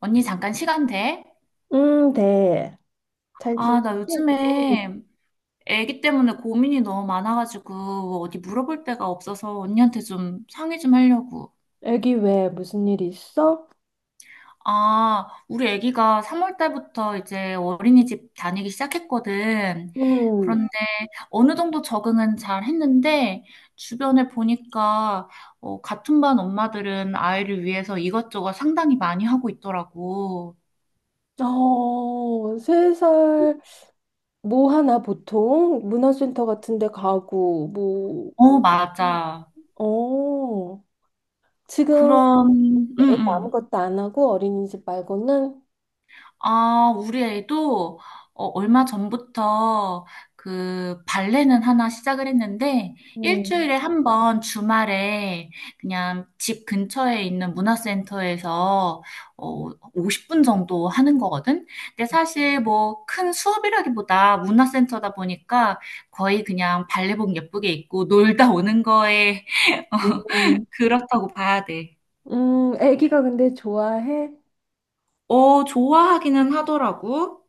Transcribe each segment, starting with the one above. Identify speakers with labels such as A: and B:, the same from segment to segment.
A: 언니 잠깐 시간 돼?
B: 네. 잘 지냈지?
A: 아, 나
B: 음,
A: 요즘에 애기 때문에 고민이 너무 많아가지고 어디 물어볼 데가 없어서 언니한테 좀 상의 좀 하려고.
B: 애기 왜 무슨 일 있어?
A: 아, 우리 애기가 3월 달부터 이제 어린이집 다니기 시작했거든.
B: 음,
A: 그런데 어느 정도 적응은 잘 했는데 주변에 보니까 같은 반 엄마들은 아이를 위해서 이것저것 상당히 많이 하고 있더라고.
B: 세 살 뭐 하나 보통 문화센터 같은 데 가고 뭐,
A: 어,
B: 음,
A: 맞아.
B: 어, 지금
A: 그런, 응,
B: 애기
A: 응.
B: 아무것도 안 하고 어린이집 말고는
A: 아, 우리 애도 얼마 전부터 그 발레는 하나 시작을 했는데
B: 음,
A: 일주일에 한 번 주말에 그냥 집 근처에 있는 문화센터에서 어, 50분 정도 하는 거거든. 근데 사실 뭐 큰 수업이라기보다 문화센터다 보니까 거의 그냥 발레복 예쁘게 입고 놀다 오는 거에
B: 음,
A: 그렇다고 봐야 돼.
B: 애기가 근데 좋아해?
A: 어, 좋아하기는 하더라고.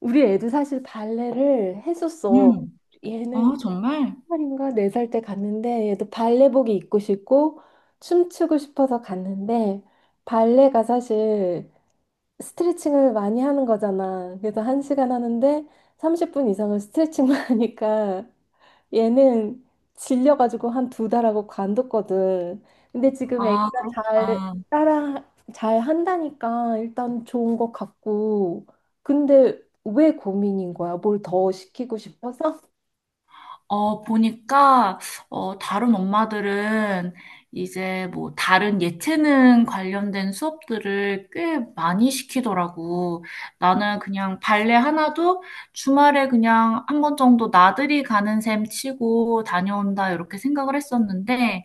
B: 우리 애도 사실 발레를 했었어.
A: 음.
B: 얘는
A: 어, 정말.
B: 살인가 4살 때 갔는데 얘도 발레복이 입고 싶고 춤추고 싶어서 갔는데 발레가 사실 스트레칭을 많이 하는 거잖아. 그래서 1시간 하는데 30분 이상을 스트레칭만 하니까 얘는 질려가지고 한 두 달하고 관뒀거든. 근데 지금
A: 아,
B: 애기가 잘
A: 그렇구나.
B: 따라 잘 한다니까 일단 좋은 것 같고 근데 왜 고민인 거야? 뭘 더 시키고 싶어서?
A: 어, 보니까, 다른 엄마들은 이제 뭐 다른 예체능 관련된 수업들을 꽤 많이 시키더라고. 나는 그냥 발레 하나도 주말에 그냥 한 번 정도 나들이 가는 셈 치고 다녀온다, 이렇게 생각을 했었는데,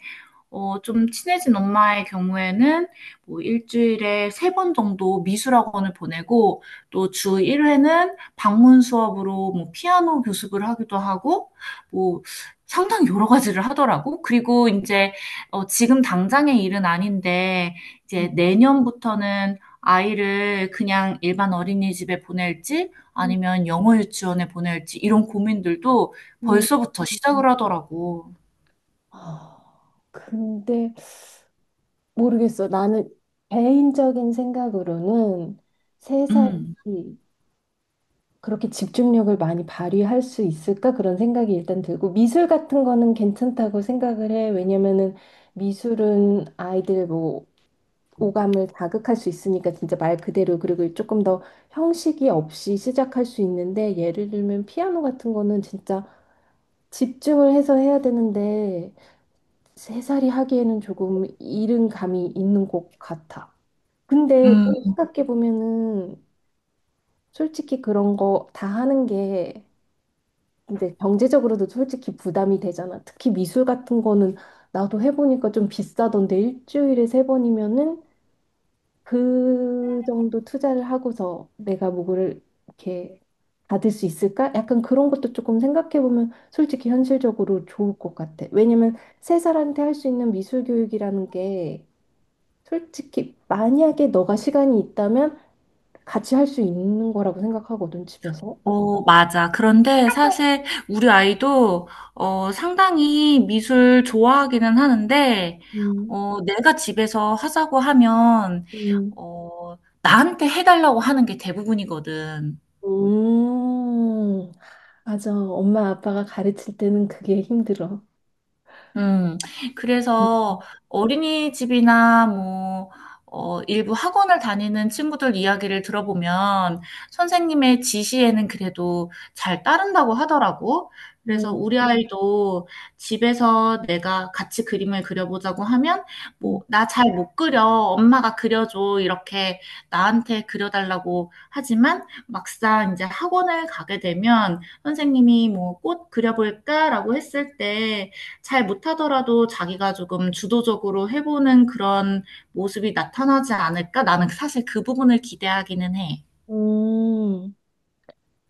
A: 좀 친해진 엄마의 경우에는 뭐 일주일에 세 번 정도 미술학원을 보내고 또 주 1회는 방문 수업으로 뭐 피아노 교습을 하기도 하고 뭐 상당히 여러 가지를 하더라고. 그리고 이제 지금 당장의 일은 아닌데 이제
B: 음.
A: 내년부터는 아이를 그냥 일반 어린이집에 보낼지 아니면 영어 유치원에 보낼지 이런 고민들도
B: 음.
A: 벌써부터 시작을 하더라고.
B: 아, 근데 모르겠어. 나는 개인적인 생각으로는 3살이
A: 음.
B: 그렇게 집중력을 많이 발휘할 수 있을까? 그런 생각이 일단 들고 미술 같은 거는 괜찮다고 생각을 해. 왜냐면은 미술은 아이들 뭐 오감을 자극할 수 있으니까 진짜 말 그대로 그리고 조금 더 형식이 없이 시작할 수 있는데 예를 들면 피아노 같은 거는 진짜 집중을 해서 해야 되는데 세 살이 하기에는 조금 이른 감이 있는 것 같아. 근데 또 생각해보면은 솔직히 그런 거 다 하는 게 이제 경제적으로도 솔직히 부담이 되잖아. 특히 미술 같은 거는 나도 해보니까 좀 비싸던데 일주일에 3번이면은 그 정도 투자를 하고서 내가 뭐를 이렇게 받을 수 있을까? 약간 그런 것도 조금 생각해보면 솔직히 현실적으로 좋을 것 같아. 왜냐면 3살한테 할 수 있는 미술 교육이라는 게 솔직히 만약에 너가 시간이 있다면 같이 할 수 있는 거라고 생각하거든, 집에서.
A: 어, 맞아. 그런데 사실 우리 아이도 상당히 미술 좋아하기는 하는데,
B: 음,
A: 내가 집에서 하자고 하면,
B: 음,
A: 어, 나한테 해달라고 하는 게 대부분이거든.
B: 음, 맞아. 엄마 아빠가 가르칠 때는 그게 힘들어.
A: 음, 그래서 어린이집이나 뭐, 일부 학원을 다니는 친구들 이야기를 들어보면 선생님의 지시에는 그래도 잘 따른다고 하더라고. 그래서
B: 음,
A: 우리 아이도 집에서 내가 같이 그림을 그려보자고 하면 뭐,
B: 음.
A: 나 잘 못 그려. 엄마가 그려줘. 이렇게 나한테 그려달라고 하지만 막상 이제 학원을 가게 되면 선생님이 뭐, 꽃 그려볼까라고 했을 때 잘 못하더라도 자기가 조금 주도적으로 해보는 그런 모습이 나타나지 않을까? 나는 사실 그 부분을 기대하기는 해.
B: 음,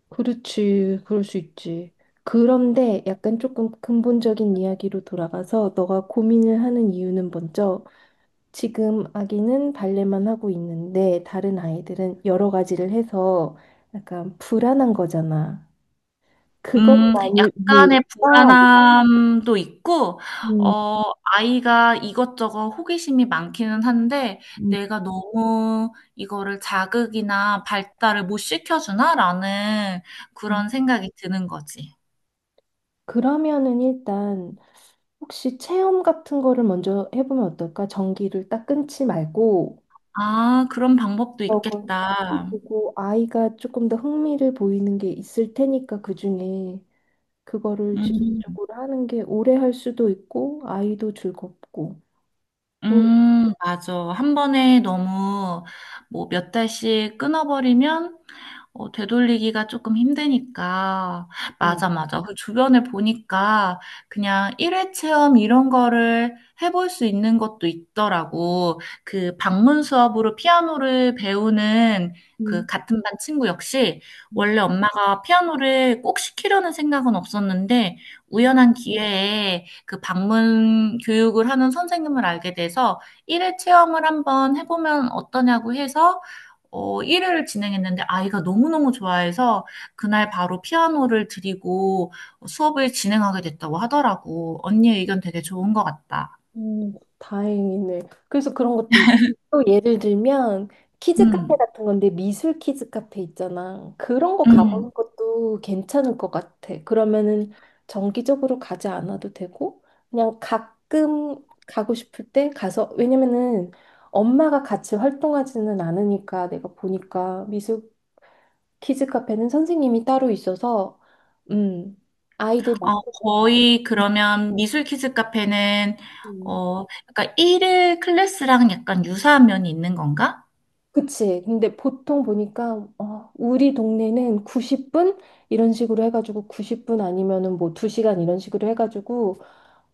B: 그렇지. 그럴 수 있지. 그런데 약간 조금 근본적인 이야기로 돌아가서 너가 고민을 하는 이유는 먼저 지금 아기는 발레만 하고 있는데 다른 아이들은 여러 가지를 해서 약간 불안한 거잖아. 그것만이
A: 약간의
B: 이유일까?
A: 불안함도 있고,
B: 음,
A: 어, 아이가 이것저것 호기심이 많기는 한데,
B: 음,
A: 내가 너무 이거를 자극이나 발달을 못 시켜주나라는
B: 음.
A: 그런 생각이 드는 거지.
B: 그러면은 일단 혹시 체험 같은 거를 먼저 해보면 어떨까? 전기를 딱 끊지 말고
A: 아, 그런 방법도
B: 저거
A: 있겠다.
B: 보고 아이가 조금 더 흥미를 보이는 게 있을 테니까 그중에 그거를
A: 음.
B: 지속적으로 하는 게 오래 할 수도 있고 아이도 즐겁고. 음,
A: 맞아. 한 번에 너무 뭐 몇 달씩 끊어버리면 되돌리기가 조금 힘드니까.
B: 음.
A: 맞아, 맞아. 그 주변을 보니까 그냥 일회 체험 이런 거를 해볼 수 있는 것도 있더라고. 그 방문 수업으로 피아노를 배우는 그 같은 반 친구 역시
B: 음.
A: 원래 엄마가 피아노를 꼭 시키려는 생각은 없었는데 우연한 기회에 그 방문 교육을 하는 선생님을 알게 돼서 일회 체험을 한번 해보면 어떠냐고 해서 1회를 진행했는데 아이가 너무너무 좋아해서 그날 바로 피아노를 드리고 수업을 진행하게 됐다고 하더라고. 언니 의견 되게 좋은 것 같다.
B: 음, 다행이네. 그래서 그런 것도 있고, 또 예를 들면, 키즈 카페
A: 음,
B: 같은 건데, 미술 키즈 카페 있잖아. 그런 거
A: 음.
B: 가보는 것도 괜찮을 것 같아. 그러면은 정기적으로 가지 않아도 되고, 그냥 가끔 가고 싶을 때 가서, 왜냐면은 엄마가 같이 활동하지는 않으니까 내가 보니까 미술 키즈 카페는 선생님이 따로 있어서, 음, 아이들 맡고,
A: 거의 그러면 미술 키즈 카페는 약간 1일 클래스랑 약간 유사한 면이 있는 건가?
B: 그치. 근데 보통 보니까, 우리 동네는 90분? 이런 식으로 해가지고 90분 아니면은 뭐 2시간 이런 식으로 해가지고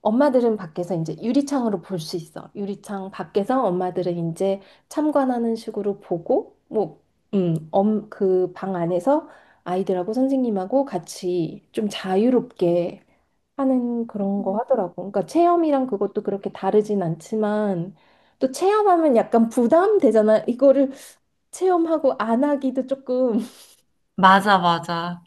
B: 엄마들은 밖에서 이제 유리창으로 볼 수 있어. 유리창 밖에서 엄마들은 이제 참관하는 식으로 보고, 뭐, 그 방 안에서 아이들하고 선생님하고 같이 좀 자유롭게 하는 그런 거 하더라고. 그러니까 체험이랑 그것도 그렇게 다르진 않지만, 또 체험하면 약간 부담되잖아. 이거를 체험하고 안 하기도 조금
A: 맞아, 맞아.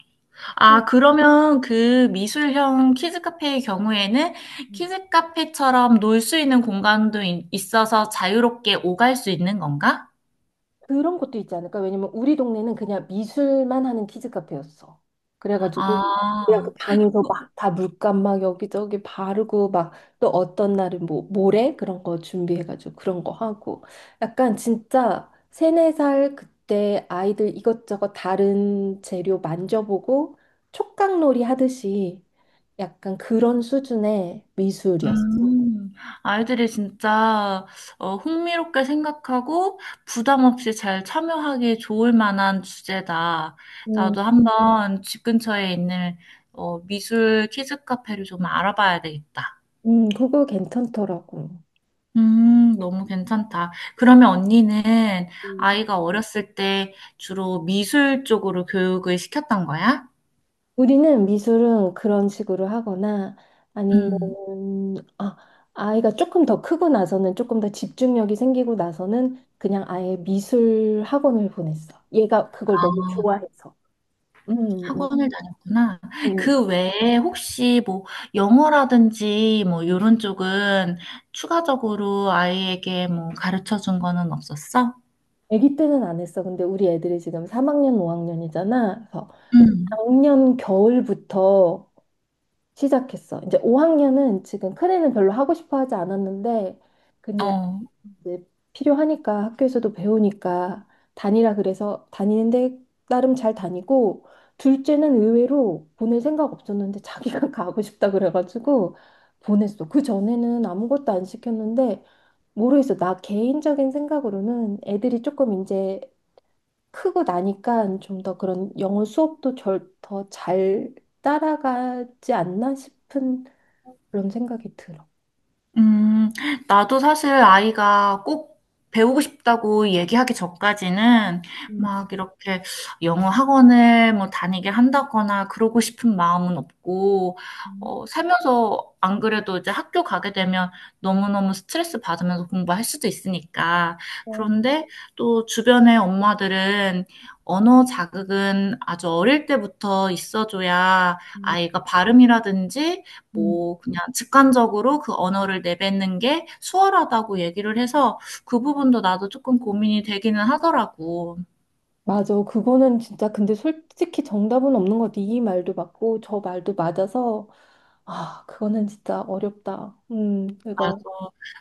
B: 음.
A: 아, 그러면 그 미술형 키즈 카페의 경우에는
B: 음.
A: 키즈 카페처럼 놀 수 있는 공간도 있어서 자유롭게 오갈 수 있는 건가?
B: 그런 것도 있지 않을까? 왜냐면 우리 동네는 그냥 미술만 하는 키즈 카페였어. 그래가지고 그냥 그
A: 아,
B: 방에서
A: 어,
B: 막 다 물감 막 여기저기 바르고 막 또 어떤 날은 뭐 모래 그런 거 준비해가지고 그런 거 하고 약간 진짜 세네 살 그때 아이들 이것저것 다른 재료 만져보고 촉각놀이 하듯이 약간 그런 수준의 미술이었어.
A: 음, 아이들이 진짜 흥미롭게 생각하고 부담 없이 잘 참여하기 좋을 만한 주제다. 나도 한번 집 근처에 있는 미술 키즈 카페를 좀 알아봐야 되겠다.
B: 그거 괜찮더라고.
A: 너무 괜찮다. 그러면 언니는
B: 음.
A: 아이가 어렸을 때 주로 미술 쪽으로 교육을 시켰던 거야?
B: 우리는 미술은 그런 식으로 하거나 아니면
A: 음.
B: 아, 아이가 조금 더 크고 나서는 조금 더 집중력이 생기고 나서는 그냥 아예 미술 학원을 보냈어. 얘가 그걸 너무 좋아해서. 음, 음,
A: 학원을 다녔구나. 그
B: 음.
A: 외에 혹시 뭐 영어라든지 뭐 이런 쪽은 추가적으로 아이에게 뭐 가르쳐 준 거는 없었어?
B: 아기 때는 안 했어. 근데 우리 애들이 지금 3학년, 5학년이잖아. 그래서
A: 응,
B: 작년 겨울부터 시작했어. 이제 5학년은 지금 큰애는 별로 하고 싶어 하지 않았는데, 근데
A: 어.
B: 이제 필요하니까 학교에서도 배우니까 다니라 그래서 다니는데 나름 잘 다니고, 둘째는 의외로 보낼 생각 없었는데 자기가 가고 싶다 그래가지고 보냈어. 그 전에는 아무것도 안 시켰는데, 모르겠어. 나 개인적인 생각으로는 애들이 조금 이제 크고 나니까 좀 더 그런 영어 수업도 더 잘 따라가지 않나 싶은 그런 생각이 들어.
A: 음, 나도 사실 아이가 꼭 배우고 싶다고 얘기하기 전까지는
B: 음,
A: 막 이렇게 영어 학원을 뭐 다니게 한다거나 그러고 싶은 마음은 없고, 살면서 안 그래도 이제 학교 가게 되면 너무너무 스트레스 받으면서 공부할 수도 있으니까.
B: 어,
A: 그런데 또 주변의 엄마들은 언어 자극은 아주 어릴 때부터 있어줘야
B: 음,
A: 아이가 발음이라든지
B: 음.
A: 뭐 그냥 직관적으로 그 언어를 내뱉는 게 수월하다고 얘기를 해서 그 부분도 나도 조금 고민이 되기는 하더라고.
B: 맞아. 그거는 진짜 근데 솔직히 정답은 없는 것 같아. 이 말도 맞고 저 말도 맞아서 아, 그거는 진짜 어렵다.
A: 맞아.
B: 이거.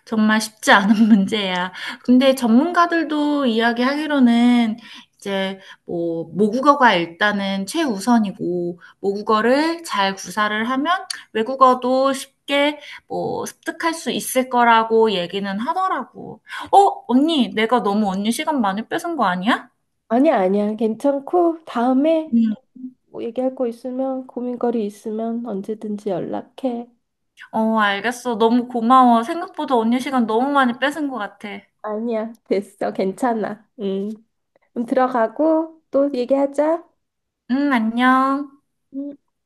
A: 정말 쉽지 않은 문제야. 근데 전문가들도 이야기하기로는 이제 뭐 모국어가 일단은 최우선이고 모국어를 잘 구사를 하면 외국어도 쉽게 뭐 습득할 수 있을 거라고 얘기는 하더라고. 언니 내가 너무 언니 시간 많이 뺏은 거 아니야?
B: 아니야, 아니야. 괜찮고 다음에
A: 음.
B: 뭐 얘기할 거 있으면 고민거리 있으면 언제든지 연락해.
A: 어, 알겠어. 너무 고마워. 생각보다 언니 시간 너무 많이 뺏은 것 같아.
B: 아니야. 됐어. 괜찮아. 음. 그럼 들어가고 또 얘기하자.
A: 응, 안녕.
B: 음.